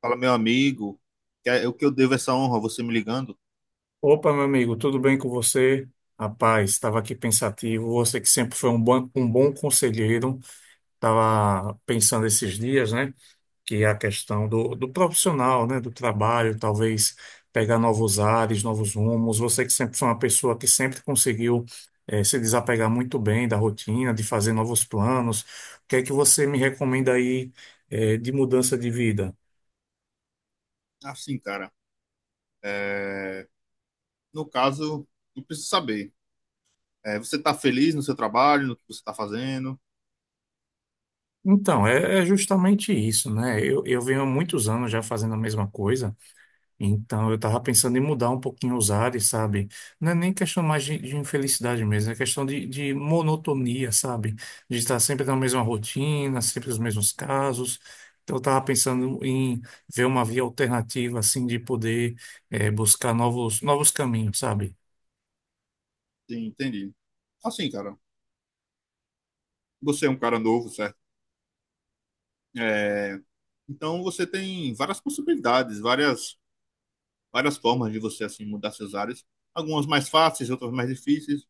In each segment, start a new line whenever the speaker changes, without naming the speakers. Fala, meu amigo, o que eu devo essa honra, você me ligando?
Opa, meu amigo, tudo bem com você? Rapaz, estava aqui pensativo. Você que sempre foi um bom conselheiro, estava pensando esses dias, né? Que é a questão do profissional, né? Do trabalho, talvez pegar novos ares, novos rumos. Você que sempre foi uma pessoa que sempre conseguiu, se desapegar muito bem da rotina, de fazer novos planos. O que é que você me recomenda aí, de mudança de vida?
Assim, cara, é, no caso, eu preciso saber, você está feliz no seu trabalho, no que você está fazendo?
Então, é justamente isso, né? Eu venho há muitos anos já fazendo a mesma coisa. Então, eu estava pensando em mudar um pouquinho os ares, sabe? Não é nem questão mais de infelicidade mesmo, é questão de monotonia, sabe? De estar sempre na mesma rotina, sempre os mesmos casos. Então, eu estava pensando em ver uma via alternativa, assim, de poder buscar novos caminhos, sabe?
Sim, entendi. Assim, cara, você é um cara novo, certo? É, Então, você tem várias possibilidades, várias formas de você, assim, mudar seus áreas. Algumas mais fáceis, outras mais difíceis.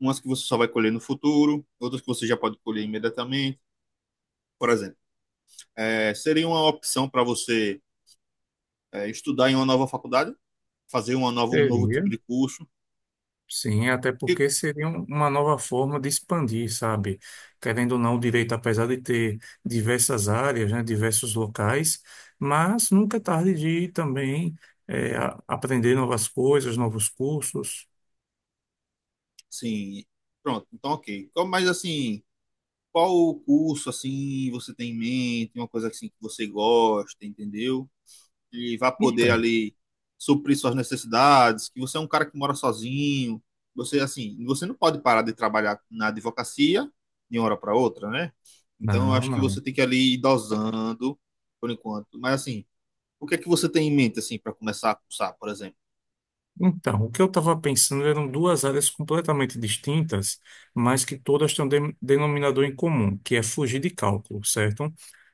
Umas que você só vai colher no futuro, outras que você já pode colher imediatamente. Por exemplo, seria uma opção para você estudar em uma nova faculdade, fazer um novo tipo
Seria
de curso.
Sim, até
E,
porque seria uma nova forma de expandir, sabe? Querendo ou não, o direito, apesar de ter diversas áreas, né, diversos locais, mas nunca é tarde de também aprender novas coisas, novos cursos.
sim, pronto, então ok. Mas assim, qual curso assim você tem em mente, uma coisa assim que você gosta, entendeu? E vai poder
Então,
ali suprir suas necessidades, que você é um cara que mora sozinho, você assim, você não pode parar de trabalhar na advocacia de uma hora para outra, né? Então eu
não,
acho que você
não.
tem que ali ir dosando por enquanto. Mas assim, o que é que você tem em mente assim para começar a cursar, por exemplo?
Então, o que eu estava pensando eram duas áreas completamente distintas, mas que todas têm um denominador em comum, que é fugir de cálculo, certo?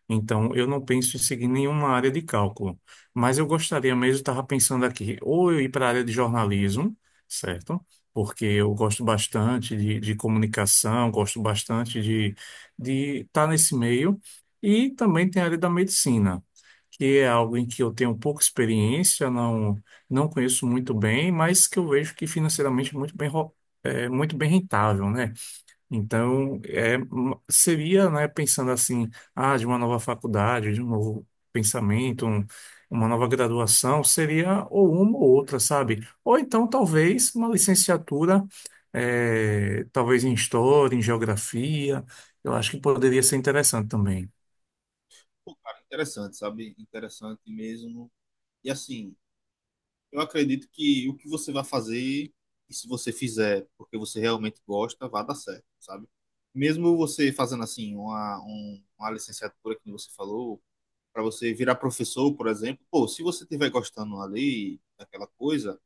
Então, eu não penso em seguir nenhuma área de cálculo, mas eu gostaria mesmo, estava pensando aqui, ou eu ir para a área de jornalismo, certo? Porque eu gosto bastante de comunicação, gosto bastante de estar nesse meio, e também tem a área da medicina, que é algo em que eu tenho pouca experiência, não não conheço muito bem, mas que eu vejo que financeiramente é muito é muito bem rentável, né? Então, seria, né, pensando assim, de uma nova faculdade, de um novo pensamento, uma nova graduação, seria ou uma ou outra, sabe? Ou então, talvez, uma licenciatura, talvez em história, em geografia, eu acho que poderia ser interessante também.
Pô, cara, interessante, sabe? Interessante mesmo. E assim, eu acredito que o que você vai fazer, e se você fizer porque você realmente gosta, vai dar certo, sabe? Mesmo você fazendo assim uma licenciatura que você falou, para você virar professor, por exemplo, pô, se você estiver gostando ali daquela coisa,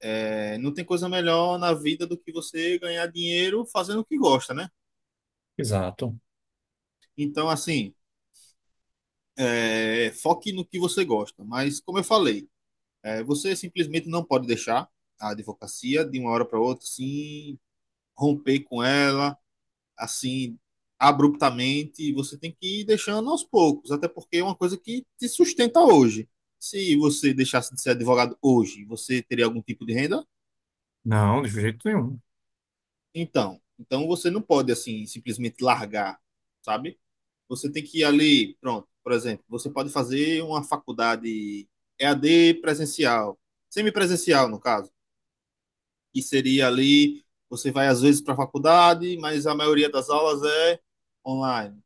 não tem coisa melhor na vida do que você ganhar dinheiro fazendo o que gosta, né?
Exato.
Então, assim, foque no que você gosta. Mas, como eu falei, é, você simplesmente não pode deixar a advocacia de uma hora para outra assim romper com ela assim abruptamente. Você tem que ir deixando aos poucos, até porque é uma coisa que te sustenta hoje. Se você deixasse de ser advogado hoje, você teria algum tipo de renda?
Não, de jeito nenhum.
Então, então você não pode assim simplesmente largar, sabe? Você tem que ir ali, pronto. Por exemplo, você pode fazer uma faculdade EAD presencial, semipresencial no caso, que seria ali, você vai às vezes para a faculdade, mas a maioria das aulas é online.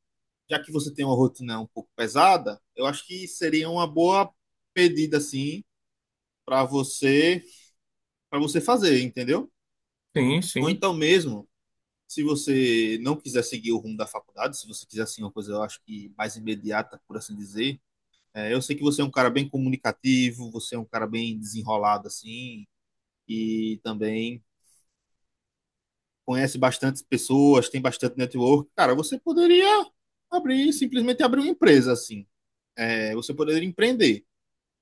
Já que você tem uma rotina um pouco pesada, eu acho que seria uma boa pedida assim para você, para você fazer, entendeu?
Sim,
Ou
sim.
então mesmo, se você não quiser seguir o rumo da faculdade, se você quiser assim uma coisa, eu acho que mais imediata, por assim dizer, eu sei que você é um cara bem comunicativo, você é um cara bem desenrolado assim, e também conhece bastante pessoas, tem bastante network, cara, você poderia abrir, simplesmente abrir uma empresa assim. É, você poderia empreender.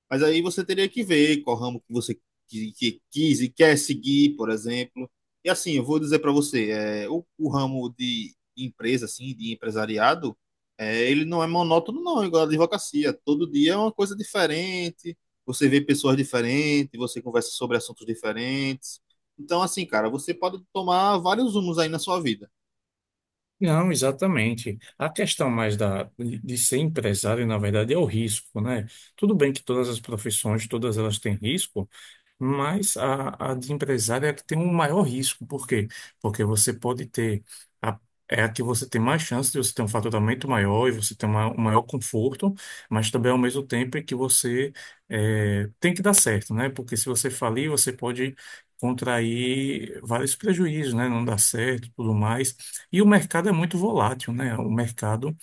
Mas aí você teria que ver qual ramo que quis e quer seguir, por exemplo. E assim, eu vou dizer para você, o ramo de empresa, assim, de empresariado, é, ele não é monótono, não, igual a advocacia. Todo dia é uma coisa diferente, você vê pessoas diferentes, você conversa sobre assuntos diferentes. Então, assim, cara, você pode tomar vários rumos aí na sua vida.
Não, exatamente. A questão mais de ser empresário, na verdade, é o risco, né? Tudo bem que todas as profissões, todas elas têm risco, mas a de empresário é a que tem um maior risco. Por quê? Porque você pode ter. A, é a que você tem mais chance de você ter um faturamento maior e você ter um maior conforto, mas também ao mesmo tempo é que você tem que dar certo, né? Porque se você falir, você pode contrair vários prejuízos, né? Não dar certo, tudo mais. E o mercado é muito volátil, né? O mercado,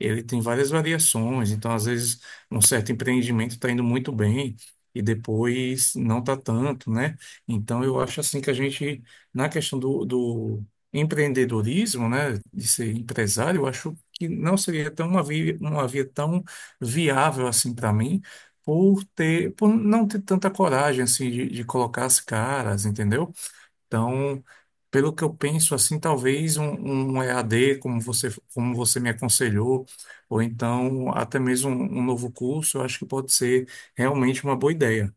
ele tem várias variações, então às vezes um certo empreendimento está indo muito bem e depois não está tanto, né? Então eu acho assim que a gente, na questão do empreendedorismo, né, de ser empresário, eu acho que não seria tão uma via tão viável assim para mim, por não ter tanta coragem assim de colocar as caras, entendeu? Então, pelo que eu penso, assim, um EAD, como você me aconselhou, ou então até mesmo um novo curso, eu acho que pode ser realmente uma boa ideia.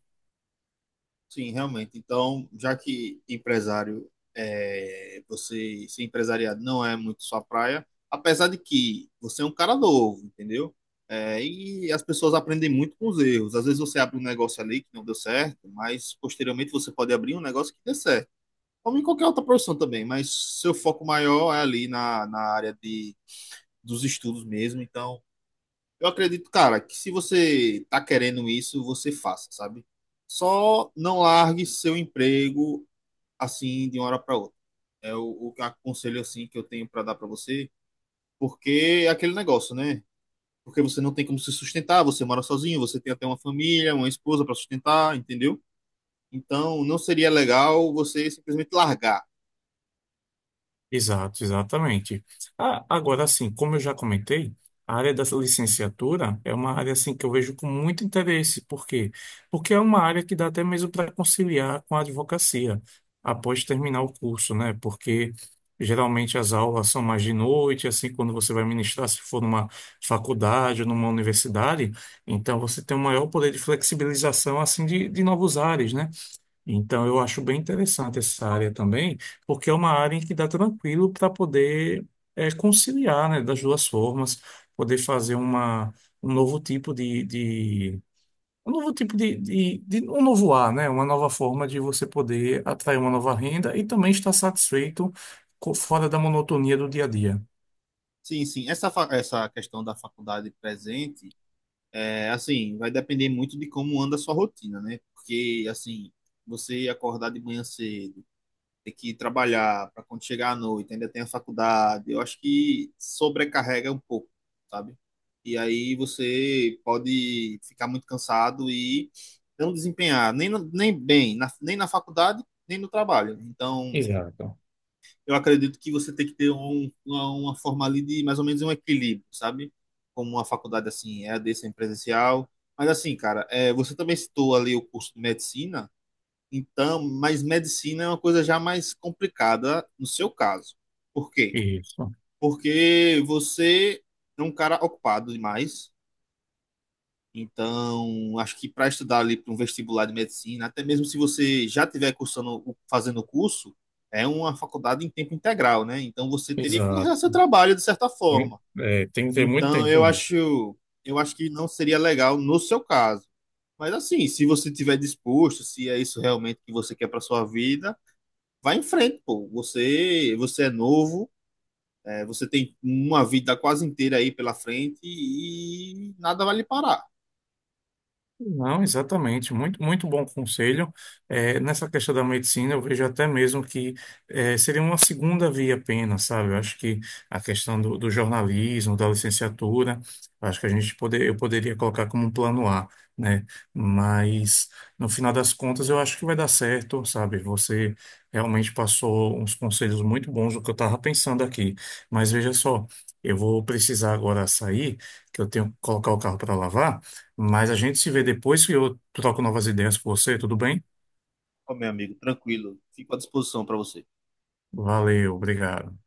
Sim, realmente. Então, já que empresário, você ser empresariado não é muito sua praia, apesar de que você é um cara novo, entendeu? É, e as pessoas aprendem muito com os erros. Às vezes você abre um negócio ali que não deu certo, mas posteriormente você pode abrir um negócio que dê certo. Como em qualquer outra profissão também, mas seu foco maior é ali na área de, dos estudos mesmo. Então, eu acredito, cara, que se você tá querendo isso, você faça, sabe? Só não largue seu emprego assim de uma hora para outra. É o aconselho assim que eu tenho para dar para você, porque é aquele negócio, né? Porque você não tem como se sustentar, você mora sozinho, você tem até uma família, uma esposa para sustentar, entendeu? Então, não seria legal você simplesmente largar.
Exato, exatamente. Ah, agora, assim, como eu já comentei, a área da licenciatura é uma área assim que eu vejo com muito interesse. Por quê? Porque é uma área que dá até mesmo para conciliar com a advocacia após terminar o curso, né? Porque geralmente as aulas são mais de noite, assim, quando você vai ministrar, se for numa faculdade ou numa universidade, então você tem um maior poder de flexibilização assim de novos ares, né? Então, eu acho bem interessante essa área também, porque é uma área em que dá tranquilo para poder conciliar, né, das duas formas, poder fazer um novo tipo de um novo tipo de um novo ar, né, uma nova forma de você poder atrair uma nova renda e também estar satisfeito fora da monotonia do dia a dia.
Sim, sim, essa questão da faculdade presente. É, assim, vai depender muito de como anda a sua rotina, né? Porque, assim, você acordar de manhã cedo, ter que trabalhar para quando chegar à noite, ainda tem a faculdade, eu acho que sobrecarrega um pouco, sabe? E aí você pode ficar muito cansado e não desempenhar nem bem, nem na faculdade, nem no trabalho. Então,
Exato.
eu acredito que você tem que ter uma forma ali de mais ou menos um equilíbrio, sabe? Como uma faculdade assim, é EAD sem presencial. Mas assim, cara, você também citou ali o curso de medicina, então, mas medicina é uma coisa já mais complicada no seu caso. Por quê?
Isso.
Porque você é um cara ocupado demais, então, acho que para estudar ali para um vestibular de medicina, até mesmo se você já tiver cursando, fazendo o curso, é uma faculdade em tempo integral, né? Então você teria que
Exato.
largar seu trabalho de certa
Tem-
forma.
É, tem que ter muito
Então,
tempo
eu
mesmo.
acho, eu acho que não seria legal no seu caso. Mas assim, se você tiver disposto, se é isso realmente que você quer para sua vida, vá em frente, pô. Você é novo, você tem uma vida quase inteira aí pela frente e nada vai lhe parar.
Não, exatamente. Muito, muito bom conselho. É, nessa questão da medicina, eu vejo até mesmo que seria uma segunda via apenas, sabe? Eu acho que a questão do jornalismo, da licenciatura, acho que eu poderia colocar como um plano A, né? Mas, no final das contas, eu acho que vai dar certo, sabe? Você realmente passou uns conselhos muito bons do que eu estava pensando aqui. Mas veja só, eu vou precisar agora sair, que eu tenho que colocar o carro para lavar. Mas a gente se vê depois que eu troco novas ideias com você, tudo bem?
Ô, meu amigo, tranquilo. Fico à disposição para você.
Valeu, obrigado.